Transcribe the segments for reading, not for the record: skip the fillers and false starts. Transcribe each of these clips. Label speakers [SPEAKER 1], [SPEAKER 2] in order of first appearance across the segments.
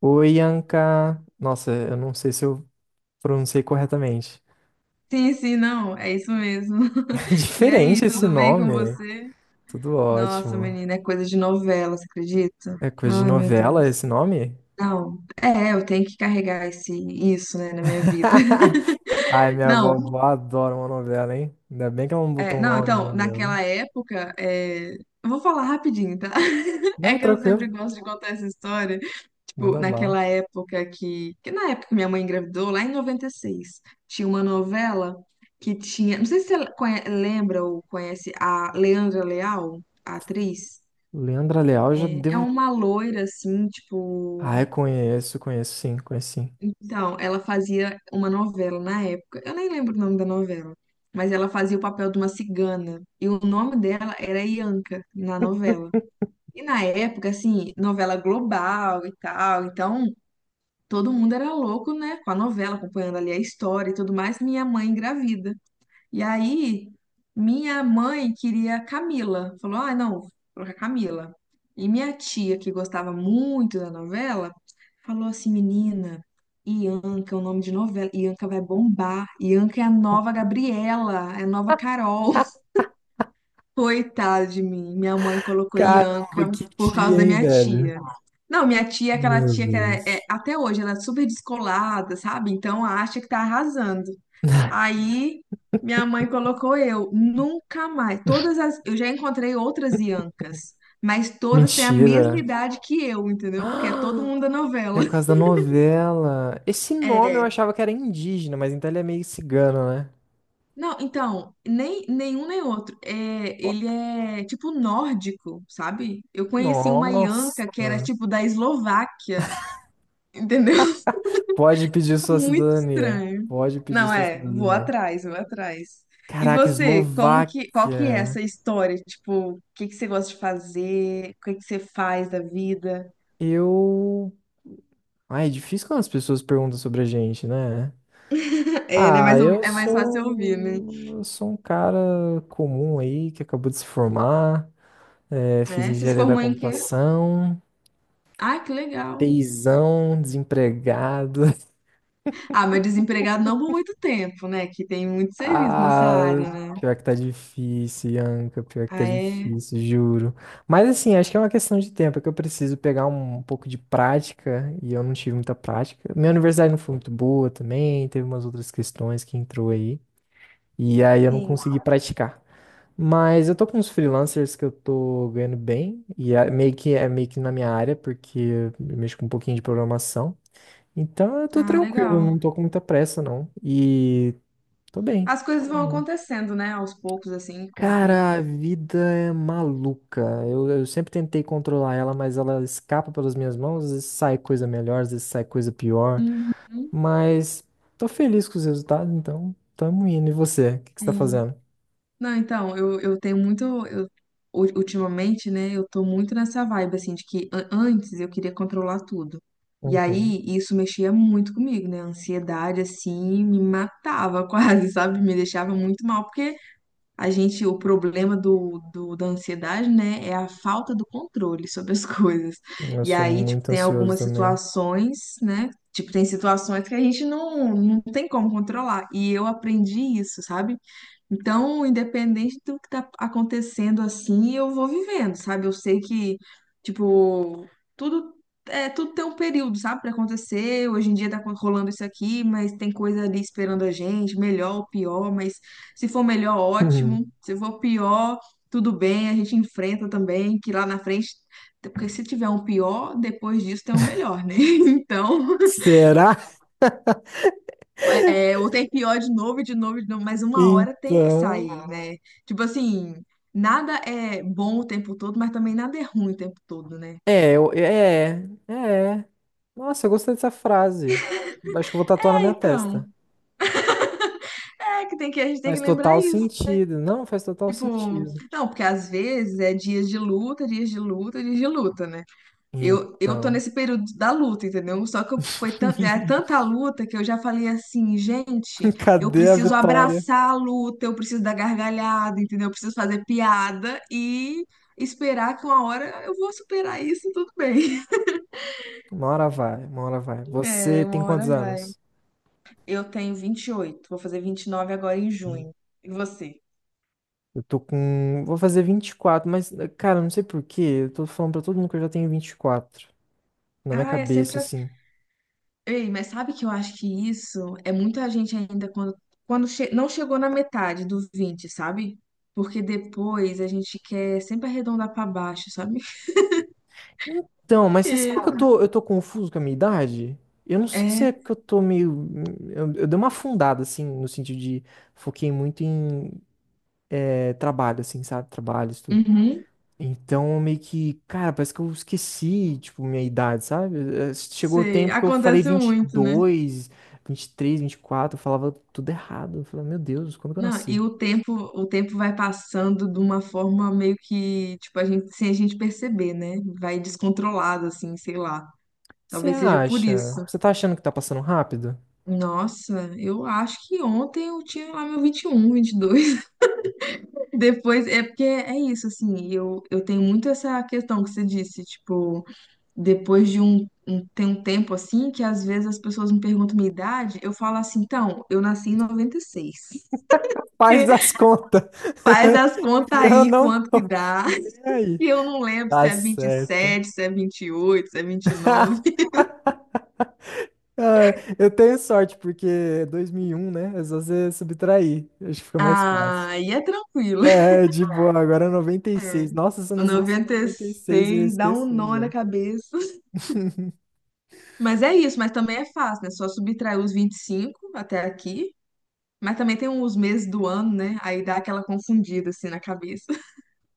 [SPEAKER 1] Oi, Anka. Nossa, eu não sei se eu pronunciei corretamente.
[SPEAKER 2] Sim, sim, não, é isso mesmo. E
[SPEAKER 1] Diferente
[SPEAKER 2] aí,
[SPEAKER 1] esse
[SPEAKER 2] tudo bem com
[SPEAKER 1] nome.
[SPEAKER 2] você?
[SPEAKER 1] Tudo
[SPEAKER 2] Nossa,
[SPEAKER 1] ótimo.
[SPEAKER 2] menina, é coisa de novela, você acredita?
[SPEAKER 1] É coisa de
[SPEAKER 2] Ai, meu
[SPEAKER 1] novela
[SPEAKER 2] Deus.
[SPEAKER 1] esse nome?
[SPEAKER 2] Não, é, eu tenho que carregar isso, né, na minha vida.
[SPEAKER 1] Ai, minha vovó
[SPEAKER 2] Não,
[SPEAKER 1] adora uma novela, hein? Ainda bem que ela não
[SPEAKER 2] é,
[SPEAKER 1] botou um
[SPEAKER 2] não,
[SPEAKER 1] nome de
[SPEAKER 2] então,
[SPEAKER 1] novela, né?
[SPEAKER 2] naquela época, é, eu vou falar rapidinho, tá? É
[SPEAKER 1] Não,
[SPEAKER 2] que eu sempre
[SPEAKER 1] tranquilo.
[SPEAKER 2] gosto de contar essa história. Tipo,
[SPEAKER 1] Manda bala.
[SPEAKER 2] naquela época que na época que minha mãe engravidou, lá em 96, tinha uma novela que tinha, não sei se você lembra ou conhece a Leandra Leal, a atriz.
[SPEAKER 1] Leandra Leal, já
[SPEAKER 2] É, é
[SPEAKER 1] devo.
[SPEAKER 2] uma loira assim,
[SPEAKER 1] Ai,
[SPEAKER 2] tipo,
[SPEAKER 1] conheço, conheço sim, conheço sim.
[SPEAKER 2] então, ela fazia uma novela na época. Eu nem lembro o nome da novela, mas ela fazia o papel de uma cigana. E o nome dela era Ianca na novela. E na época, assim, novela global e tal. Então, todo mundo era louco, né? Com a novela, acompanhando ali a história e tudo mais. Minha mãe engravida. E aí, minha mãe queria Camila. Falou: ah, não, vou colocar Camila. E minha tia, que gostava muito da novela, falou assim: menina, Ianca é o nome de novela. Ianca vai bombar. Ianca é a nova Gabriela, é a nova Carol. Coitada de mim. Minha mãe colocou
[SPEAKER 1] Caramba,
[SPEAKER 2] Ianca
[SPEAKER 1] que
[SPEAKER 2] por
[SPEAKER 1] tia,
[SPEAKER 2] causa da
[SPEAKER 1] hein,
[SPEAKER 2] minha
[SPEAKER 1] velho?
[SPEAKER 2] tia. Não, minha tia é aquela
[SPEAKER 1] Meu
[SPEAKER 2] tia que
[SPEAKER 1] Deus.
[SPEAKER 2] até hoje ela é super descolada, sabe? Então acha que tá arrasando. Aí minha mãe colocou eu, nunca mais. Todas as, eu já encontrei outras Iancas, mas todas têm a mesma
[SPEAKER 1] Mentira.
[SPEAKER 2] idade que eu, entendeu? Porque é todo mundo da novela.
[SPEAKER 1] É por causa da novela. Esse nome eu
[SPEAKER 2] É.
[SPEAKER 1] achava que era indígena, mas então ele é meio cigano, né?
[SPEAKER 2] Não, então, nem nenhum nem outro. É,
[SPEAKER 1] Ó,
[SPEAKER 2] ele é tipo nórdico, sabe? Eu conheci uma Ianca que era
[SPEAKER 1] nossa.
[SPEAKER 2] tipo da Eslováquia, entendeu?
[SPEAKER 1] Pode pedir sua
[SPEAKER 2] Muito
[SPEAKER 1] cidadania.
[SPEAKER 2] estranho.
[SPEAKER 1] Pode pedir
[SPEAKER 2] Não
[SPEAKER 1] sua
[SPEAKER 2] é, vou
[SPEAKER 1] cidadania.
[SPEAKER 2] atrás, vou atrás. E
[SPEAKER 1] Caraca,
[SPEAKER 2] você, como que, qual que é
[SPEAKER 1] Eslováquia.
[SPEAKER 2] essa história? Tipo, o que que você gosta de fazer? O que que você faz da vida?
[SPEAKER 1] Eu. Ai, é difícil quando as pessoas perguntam sobre a gente, né?
[SPEAKER 2] É, né?
[SPEAKER 1] Ah,
[SPEAKER 2] Mas
[SPEAKER 1] eu
[SPEAKER 2] é mais fácil ouvir, né?
[SPEAKER 1] sou. Eu sou um cara comum aí que acabou de se formar. Fiz
[SPEAKER 2] É, você se
[SPEAKER 1] engenharia da
[SPEAKER 2] formou em quê?
[SPEAKER 1] computação.
[SPEAKER 2] Ah, que legal.
[SPEAKER 1] Teizão, desempregado.
[SPEAKER 2] Ah, mas desempregado não por muito tempo, né? Que tem muito serviço nessa
[SPEAKER 1] Ah,
[SPEAKER 2] área, né?
[SPEAKER 1] pior que tá difícil, Ianca, pior que tá
[SPEAKER 2] Ah, é?
[SPEAKER 1] difícil, juro. Mas assim, acho que é uma questão de tempo, é que eu preciso pegar um pouco de prática e eu não tive muita prática. Minha universidade não foi muito boa também, teve umas outras questões que entrou aí, e aí eu não
[SPEAKER 2] Sim.
[SPEAKER 1] consegui praticar. Mas eu tô com uns freelancers que eu tô ganhando bem, e é meio que na minha área, porque eu mexo com um pouquinho de programação. Então eu tô
[SPEAKER 2] Ah,
[SPEAKER 1] tranquilo,
[SPEAKER 2] legal.
[SPEAKER 1] não tô com muita pressa, não. E tô bem.
[SPEAKER 2] As coisas vão acontecendo, né? Aos poucos, assim, com o tempo.
[SPEAKER 1] Cara, a vida é maluca. Eu sempre tentei controlar ela, mas ela escapa pelas minhas mãos. Às vezes sai coisa melhor, às vezes sai coisa pior.
[SPEAKER 2] Uhum.
[SPEAKER 1] Mas tô feliz com os resultados, então tamo indo. E você? O que que você tá
[SPEAKER 2] Sim.
[SPEAKER 1] fazendo?
[SPEAKER 2] Não, então, eu tenho muito. Ultimamente, né, eu tô muito nessa vibe, assim, de que antes eu queria controlar tudo. E
[SPEAKER 1] Uhum.
[SPEAKER 2] aí, isso mexia muito comigo, né? A ansiedade, assim, me matava quase, sabe? Me deixava muito mal, porque a gente, o problema da ansiedade, né, é a falta do controle sobre as coisas.
[SPEAKER 1] Eu
[SPEAKER 2] E
[SPEAKER 1] sou
[SPEAKER 2] aí, tipo,
[SPEAKER 1] muito
[SPEAKER 2] tem
[SPEAKER 1] ansioso
[SPEAKER 2] algumas
[SPEAKER 1] também.
[SPEAKER 2] situações, né? Tipo, tem situações que a gente não tem como controlar. E eu aprendi isso, sabe? Então, independente do que tá acontecendo assim, eu vou vivendo, sabe? Eu sei que, tipo, tudo tudo tem um período, sabe, para acontecer. Hoje em dia tá rolando isso aqui, mas tem coisa ali esperando a gente, melhor ou pior, mas se for melhor,
[SPEAKER 1] Uhum.
[SPEAKER 2] ótimo. Se for pior, tudo bem, a gente enfrenta também, que lá na frente, porque se tiver um pior, depois disso tem um melhor, né? Então,
[SPEAKER 1] Será?
[SPEAKER 2] é, ou tem pior de novo, e de novo, e de novo, mas uma hora tem que sair,
[SPEAKER 1] Então.
[SPEAKER 2] né? Tipo assim, nada é bom o tempo todo, mas também nada é ruim o tempo todo, né?
[SPEAKER 1] É, é. Nossa, eu gostei dessa frase. Acho que eu vou tatuar na
[SPEAKER 2] É,
[SPEAKER 1] minha
[SPEAKER 2] então,
[SPEAKER 1] testa.
[SPEAKER 2] é que tem que a gente tem que
[SPEAKER 1] Faz
[SPEAKER 2] lembrar
[SPEAKER 1] total
[SPEAKER 2] isso.
[SPEAKER 1] sentido. Não, faz total
[SPEAKER 2] Tipo,
[SPEAKER 1] sentido.
[SPEAKER 2] não, porque às vezes é dias de luta, dias de luta, dias de luta, né? Eu tô
[SPEAKER 1] Então.
[SPEAKER 2] nesse período da luta, entendeu? Só que eu- foi tan- é tanta luta que eu já falei assim, gente, eu
[SPEAKER 1] Cadê a
[SPEAKER 2] preciso
[SPEAKER 1] vitória?
[SPEAKER 2] abraçar a luta, eu preciso dar gargalhada, entendeu? Eu preciso fazer piada e esperar que uma hora eu vou superar isso e tudo bem.
[SPEAKER 1] Uma hora vai, uma hora vai.
[SPEAKER 2] É,
[SPEAKER 1] Você tem
[SPEAKER 2] uma
[SPEAKER 1] quantos
[SPEAKER 2] hora vai.
[SPEAKER 1] anos?
[SPEAKER 2] Eu tenho 28, vou fazer 29 agora em
[SPEAKER 1] Hum.
[SPEAKER 2] junho. E você?
[SPEAKER 1] Eu tô com. Vou fazer 24, mas, cara, não sei por quê. Eu tô falando pra todo mundo que eu já tenho 24 na minha
[SPEAKER 2] Ah, é
[SPEAKER 1] cabeça,
[SPEAKER 2] sempre
[SPEAKER 1] assim.
[SPEAKER 2] ei, mas sabe que eu acho que isso é muita gente ainda não chegou na metade dos vinte, sabe? Porque depois a gente quer sempre arredondar pra baixo, sabe?
[SPEAKER 1] Então, mas você
[SPEAKER 2] É,
[SPEAKER 1] sabe que eu tô confuso com a minha idade? Eu não sei se
[SPEAKER 2] é,
[SPEAKER 1] é porque eu tô meio. Eu dei uma afundada, assim, no sentido de. Foquei muito em trabalho, assim, sabe? Trabalho.
[SPEAKER 2] uhum,
[SPEAKER 1] Então, meio que, cara, parece que eu esqueci, tipo, minha idade, sabe? Chegou o
[SPEAKER 2] sei,
[SPEAKER 1] tempo que eu falei
[SPEAKER 2] acontece
[SPEAKER 1] vinte e
[SPEAKER 2] muito, né?
[SPEAKER 1] dois vinte 23, 24. Eu falava tudo errado. Eu falei, meu Deus, quando que eu
[SPEAKER 2] Não,
[SPEAKER 1] nasci?
[SPEAKER 2] e o tempo vai passando de uma forma meio que, tipo, a gente, sem a gente perceber, né? Vai descontrolado, assim, sei lá.
[SPEAKER 1] Você
[SPEAKER 2] Talvez seja por
[SPEAKER 1] acha?
[SPEAKER 2] isso.
[SPEAKER 1] Você tá achando que tá passando rápido?
[SPEAKER 2] Nossa, eu acho que ontem eu tinha lá meu um 21, dois depois, é porque é isso, assim, eu tenho muito essa questão que você disse, tipo, depois tem um tempo assim, que às vezes as pessoas me perguntam minha idade, eu falo assim, então, eu nasci em 96.
[SPEAKER 1] Faz as contas.
[SPEAKER 2] Faz as
[SPEAKER 1] E
[SPEAKER 2] contas
[SPEAKER 1] eu
[SPEAKER 2] aí
[SPEAKER 1] não
[SPEAKER 2] quanto que
[SPEAKER 1] tô
[SPEAKER 2] dá,
[SPEAKER 1] nem aí.
[SPEAKER 2] e eu não lembro se
[SPEAKER 1] Tá
[SPEAKER 2] é
[SPEAKER 1] certo.
[SPEAKER 2] 27, se é 28, se é 29.
[SPEAKER 1] Ah, eu tenho sorte, porque é 2001, né? É só você subtrair. Acho que fica mais fácil.
[SPEAKER 2] Ah, e é tranquilo.
[SPEAKER 1] É, de boa, agora é
[SPEAKER 2] É,
[SPEAKER 1] 96. Nossa, se eu
[SPEAKER 2] o
[SPEAKER 1] nascesse em 96, eu ia
[SPEAKER 2] 96 dá um
[SPEAKER 1] esquecer
[SPEAKER 2] nó na
[SPEAKER 1] já.
[SPEAKER 2] cabeça. Mas é isso, mas também é fácil, né? Só subtrair os 25 até aqui. Mas também tem os meses do ano, né? Aí dá aquela confundida assim na cabeça.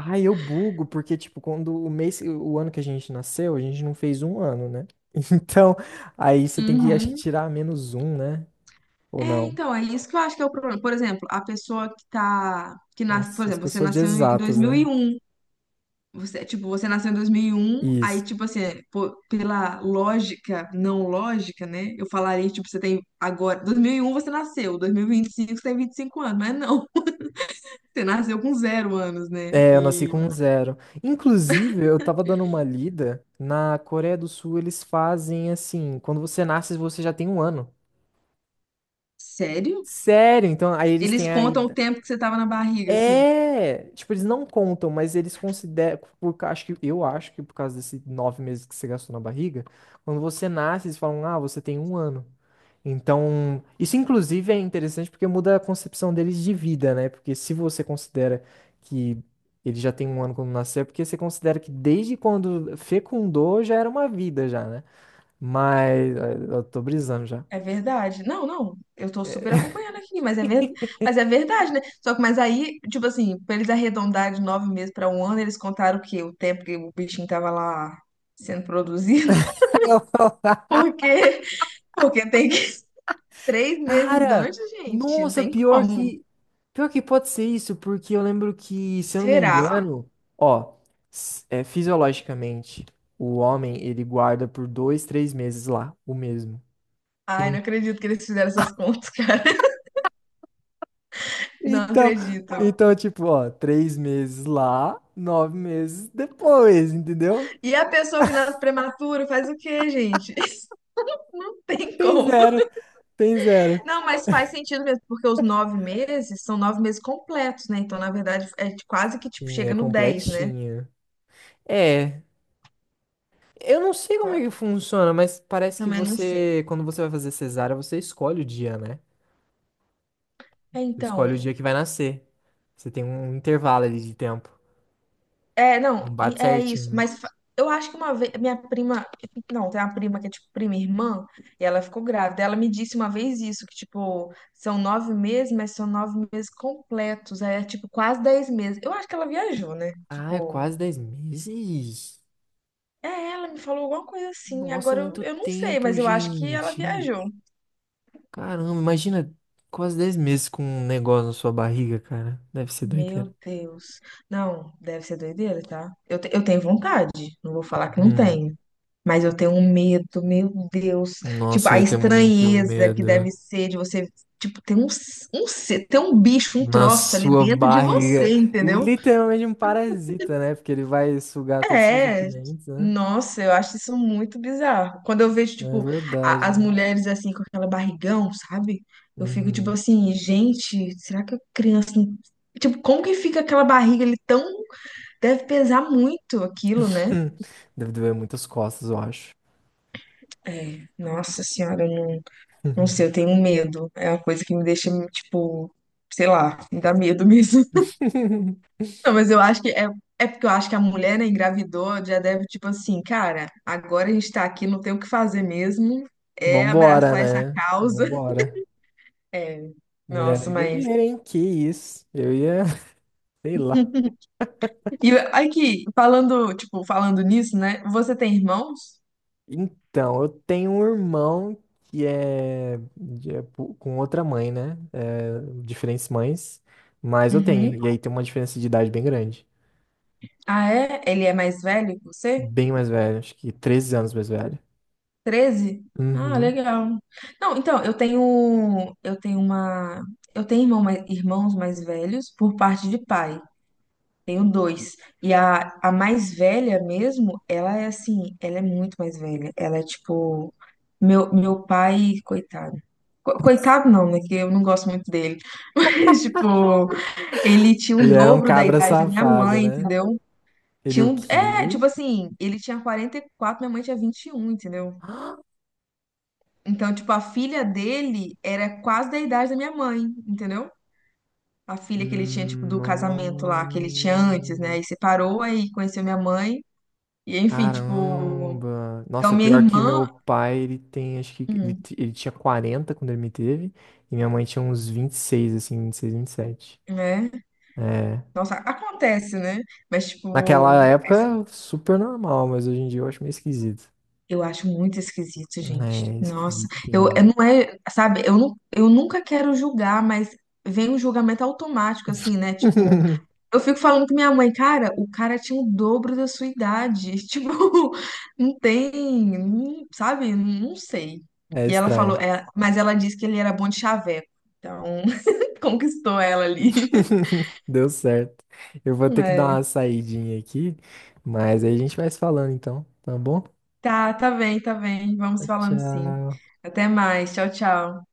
[SPEAKER 1] Ah, eu bugo, porque, tipo, quando o mês, o ano que a gente nasceu, a gente não fez um ano, né? Então, aí você tem que, acho que,
[SPEAKER 2] Uhum.
[SPEAKER 1] tirar menos um, né? Ou
[SPEAKER 2] É,
[SPEAKER 1] não?
[SPEAKER 2] então, é isso que eu acho que é o problema. Por exemplo, a pessoa que tá, que nasce, por
[SPEAKER 1] Nossa, isso que
[SPEAKER 2] exemplo,
[SPEAKER 1] eu
[SPEAKER 2] você
[SPEAKER 1] sou de
[SPEAKER 2] nasceu em dois
[SPEAKER 1] exatas,
[SPEAKER 2] mil e
[SPEAKER 1] né?
[SPEAKER 2] um, você, tipo, você nasceu em dois mil e um, aí
[SPEAKER 1] Isso.
[SPEAKER 2] tipo assim, pô, pela lógica, não lógica, né? Eu falaria, tipo, você tem agora, 2001 você nasceu, dois mil e 25, você tem 25 anos, mas não, você nasceu com zero anos, né?
[SPEAKER 1] É, eu nasci
[SPEAKER 2] E
[SPEAKER 1] com um zero. Inclusive, eu tava dando uma lida, na Coreia do Sul eles fazem assim: quando você nasce, você já tem um ano.
[SPEAKER 2] sério?
[SPEAKER 1] Sério? Então, aí eles
[SPEAKER 2] Eles
[SPEAKER 1] têm a
[SPEAKER 2] contam o
[SPEAKER 1] idade.
[SPEAKER 2] tempo que você tava na barriga, assim.
[SPEAKER 1] É, tipo, eles não contam, mas eles consideram, por, ca- acho que, eu acho que por causa desses nove meses que você gastou na barriga, quando você nasce, eles falam, ah, você tem um ano. Então, isso inclusive é interessante porque muda a concepção deles de vida, né? Porque se você considera que ele já tem um ano quando nasceu, é porque você considera que desde quando fecundou já era uma vida já, né? Mas eu tô brisando já.
[SPEAKER 2] É verdade. Não, não, eu tô super acompanhando aqui, mas é verdade, né? Só que, mas aí, tipo assim, pra eles arredondarem de 9 meses pra um ano, eles contaram o quê? O tempo que o bichinho tava lá sendo produzido? Porque, porque tem que 3 meses
[SPEAKER 1] Cara,
[SPEAKER 2] antes, gente, não
[SPEAKER 1] nossa,
[SPEAKER 2] tem como.
[SPEAKER 1] pior que pode ser isso, porque eu lembro que, se eu não me
[SPEAKER 2] Será?
[SPEAKER 1] engano, ó, s- é, fisiologicamente, o homem ele guarda por dois, três meses lá, o mesmo.
[SPEAKER 2] Ai, não
[SPEAKER 1] En-
[SPEAKER 2] acredito que eles fizeram essas contas, cara. Não
[SPEAKER 1] Então,
[SPEAKER 2] acredito.
[SPEAKER 1] então tipo, ó, três meses lá, nove meses depois, entendeu?
[SPEAKER 2] E a pessoa que nasce prematura faz o quê, gente? Não tem
[SPEAKER 1] Tem
[SPEAKER 2] como.
[SPEAKER 1] zero, tem zero.
[SPEAKER 2] Não, mas faz sentido mesmo, porque os 9 meses são 9 meses completos, né? Então, na verdade, é quase que tipo
[SPEAKER 1] Sim, é
[SPEAKER 2] chega no 10, né?
[SPEAKER 1] completinha. É, eu não sei como é que funciona, mas
[SPEAKER 2] Eu
[SPEAKER 1] parece que
[SPEAKER 2] também não sei.
[SPEAKER 1] você, quando você vai fazer cesárea, você escolhe o dia, né?
[SPEAKER 2] É,
[SPEAKER 1] Você
[SPEAKER 2] então,
[SPEAKER 1] escolhe o dia que vai nascer. Você tem um intervalo ali de tempo.
[SPEAKER 2] é, não,
[SPEAKER 1] Não bate
[SPEAKER 2] é isso.
[SPEAKER 1] certinho.
[SPEAKER 2] Eu acho que uma vez, minha prima, não, tem uma prima que é tipo prima e irmã, e ela ficou grávida. Ela me disse uma vez isso, que tipo, são 9 meses, mas são 9 meses completos. Aí é tipo quase 10 meses. Eu acho que ela viajou, né?
[SPEAKER 1] Ah, é
[SPEAKER 2] Tipo,
[SPEAKER 1] quase 10 meses?
[SPEAKER 2] é, ela me falou alguma coisa assim.
[SPEAKER 1] Nossa, é
[SPEAKER 2] Agora
[SPEAKER 1] muito
[SPEAKER 2] eu não sei,
[SPEAKER 1] tempo,
[SPEAKER 2] mas eu acho que ela
[SPEAKER 1] gente.
[SPEAKER 2] viajou.
[SPEAKER 1] Caramba, imagina quase 10 meses com um negócio na sua barriga, cara. Deve ser doideira.
[SPEAKER 2] Meu Deus. Não, deve ser doideira, tá? Eu tenho vontade, não vou falar que não
[SPEAKER 1] Hum,
[SPEAKER 2] tenho. Mas eu tenho um medo, meu Deus. Tipo,
[SPEAKER 1] nossa, eu
[SPEAKER 2] a
[SPEAKER 1] ia ter muito
[SPEAKER 2] estranheza que deve
[SPEAKER 1] medo.
[SPEAKER 2] ser de você, tipo, ter um bicho, um
[SPEAKER 1] Na
[SPEAKER 2] troço ali
[SPEAKER 1] sua
[SPEAKER 2] dentro de
[SPEAKER 1] barriga.
[SPEAKER 2] você, entendeu?
[SPEAKER 1] Literalmente um parasita, né? Porque ele vai sugar todos os seus
[SPEAKER 2] É.
[SPEAKER 1] nutrientes, né?
[SPEAKER 2] Nossa, eu acho isso muito bizarro. Quando eu vejo,
[SPEAKER 1] É
[SPEAKER 2] tipo,
[SPEAKER 1] verdade,
[SPEAKER 2] as
[SPEAKER 1] né?
[SPEAKER 2] mulheres assim, com aquela barrigão, sabe? Eu fico, tipo
[SPEAKER 1] Uhum.
[SPEAKER 2] assim, gente, será que a criança. Tipo, como que fica aquela barriga ali tão. Deve pesar muito aquilo, né?
[SPEAKER 1] Deve doer muitas costas, eu acho.
[SPEAKER 2] É, nossa senhora, eu não, não sei, eu tenho medo. É uma coisa que me deixa, tipo, sei lá, me dá medo mesmo. Não, mas eu acho que é, é porque eu acho que a mulher, né, engravidou, já deve, tipo assim, cara, agora a gente tá aqui, não tem o que fazer mesmo. É
[SPEAKER 1] Vambora,
[SPEAKER 2] abraçar essa
[SPEAKER 1] né?
[SPEAKER 2] causa.
[SPEAKER 1] Vambora.
[SPEAKER 2] É,
[SPEAKER 1] Mulher
[SPEAKER 2] nossa,
[SPEAKER 1] é
[SPEAKER 2] mas.
[SPEAKER 1] guerreira, hein? Que isso? Eu ia, sei lá.
[SPEAKER 2] E aqui, falando, tipo, falando nisso, né? Você tem irmãos?
[SPEAKER 1] Então, eu tenho um irmão que é, de- é pu- com outra mãe, né? É, diferentes mães, mas eu
[SPEAKER 2] Uhum.
[SPEAKER 1] tenho. E aí tem uma diferença de idade bem grande.
[SPEAKER 2] Ah, é? Ele é mais velho que você?
[SPEAKER 1] Bem mais velho, acho que 13 anos mais velho.
[SPEAKER 2] 13. Ah,
[SPEAKER 1] Uhum.
[SPEAKER 2] legal. Não, então, eu tenho irmãos mais velhos por parte de pai. Tenho dois. E a mais velha mesmo, ela é assim, ela é muito mais velha. Ela é tipo meu pai, coitado. Coitado não, né? Que eu não gosto muito dele. Mas, tipo, ele tinha o
[SPEAKER 1] Ele era um
[SPEAKER 2] dobro da
[SPEAKER 1] cabra
[SPEAKER 2] idade da minha
[SPEAKER 1] safado,
[SPEAKER 2] mãe,
[SPEAKER 1] né?
[SPEAKER 2] entendeu?
[SPEAKER 1] Ele o
[SPEAKER 2] É,
[SPEAKER 1] quê?
[SPEAKER 2] tipo assim, ele tinha 44, minha mãe tinha 21, entendeu? Então, tipo, a filha dele era quase da idade da minha mãe, entendeu? A filha que ele tinha, tipo, do casamento lá, que ele tinha antes, né?
[SPEAKER 1] No...
[SPEAKER 2] E separou, aí conheceu minha mãe. E, enfim, tipo...
[SPEAKER 1] Caramba!
[SPEAKER 2] Então,
[SPEAKER 1] Nossa,
[SPEAKER 2] minha
[SPEAKER 1] pior que
[SPEAKER 2] irmã...
[SPEAKER 1] meu pai, ele tem, acho que ele,
[SPEAKER 2] Hum,
[SPEAKER 1] t- ele tinha 40 quando ele me teve, e minha mãe tinha uns 26 assim, 20 26 27.
[SPEAKER 2] né?
[SPEAKER 1] É.
[SPEAKER 2] Nossa, acontece, né? Mas,
[SPEAKER 1] Naquela
[SPEAKER 2] tipo...
[SPEAKER 1] época, super normal, mas hoje em dia eu acho meio esquisito.
[SPEAKER 2] Eu acho muito esquisito, gente.
[SPEAKER 1] É,
[SPEAKER 2] Nossa, eu,
[SPEAKER 1] esquisitinho.
[SPEAKER 2] eu não é, sabe, eu, não, eu nunca quero julgar, mas vem um julgamento automático, assim, né? Tipo, eu fico falando com minha mãe, cara, o cara tinha o dobro da sua idade. Tipo, não tem, não- sabe? Não sei.
[SPEAKER 1] É
[SPEAKER 2] E ela falou,
[SPEAKER 1] estranho.
[SPEAKER 2] é, mas ela disse que ele era bom de chaveco. Então, conquistou ela ali.
[SPEAKER 1] Deu certo. Eu vou ter que dar
[SPEAKER 2] É.
[SPEAKER 1] uma saidinha aqui, mas aí a gente vai se falando então, tá bom?
[SPEAKER 2] Tá, tá bem, tá bem. Vamos falando sim.
[SPEAKER 1] Tchau.
[SPEAKER 2] Até mais. Tchau, tchau.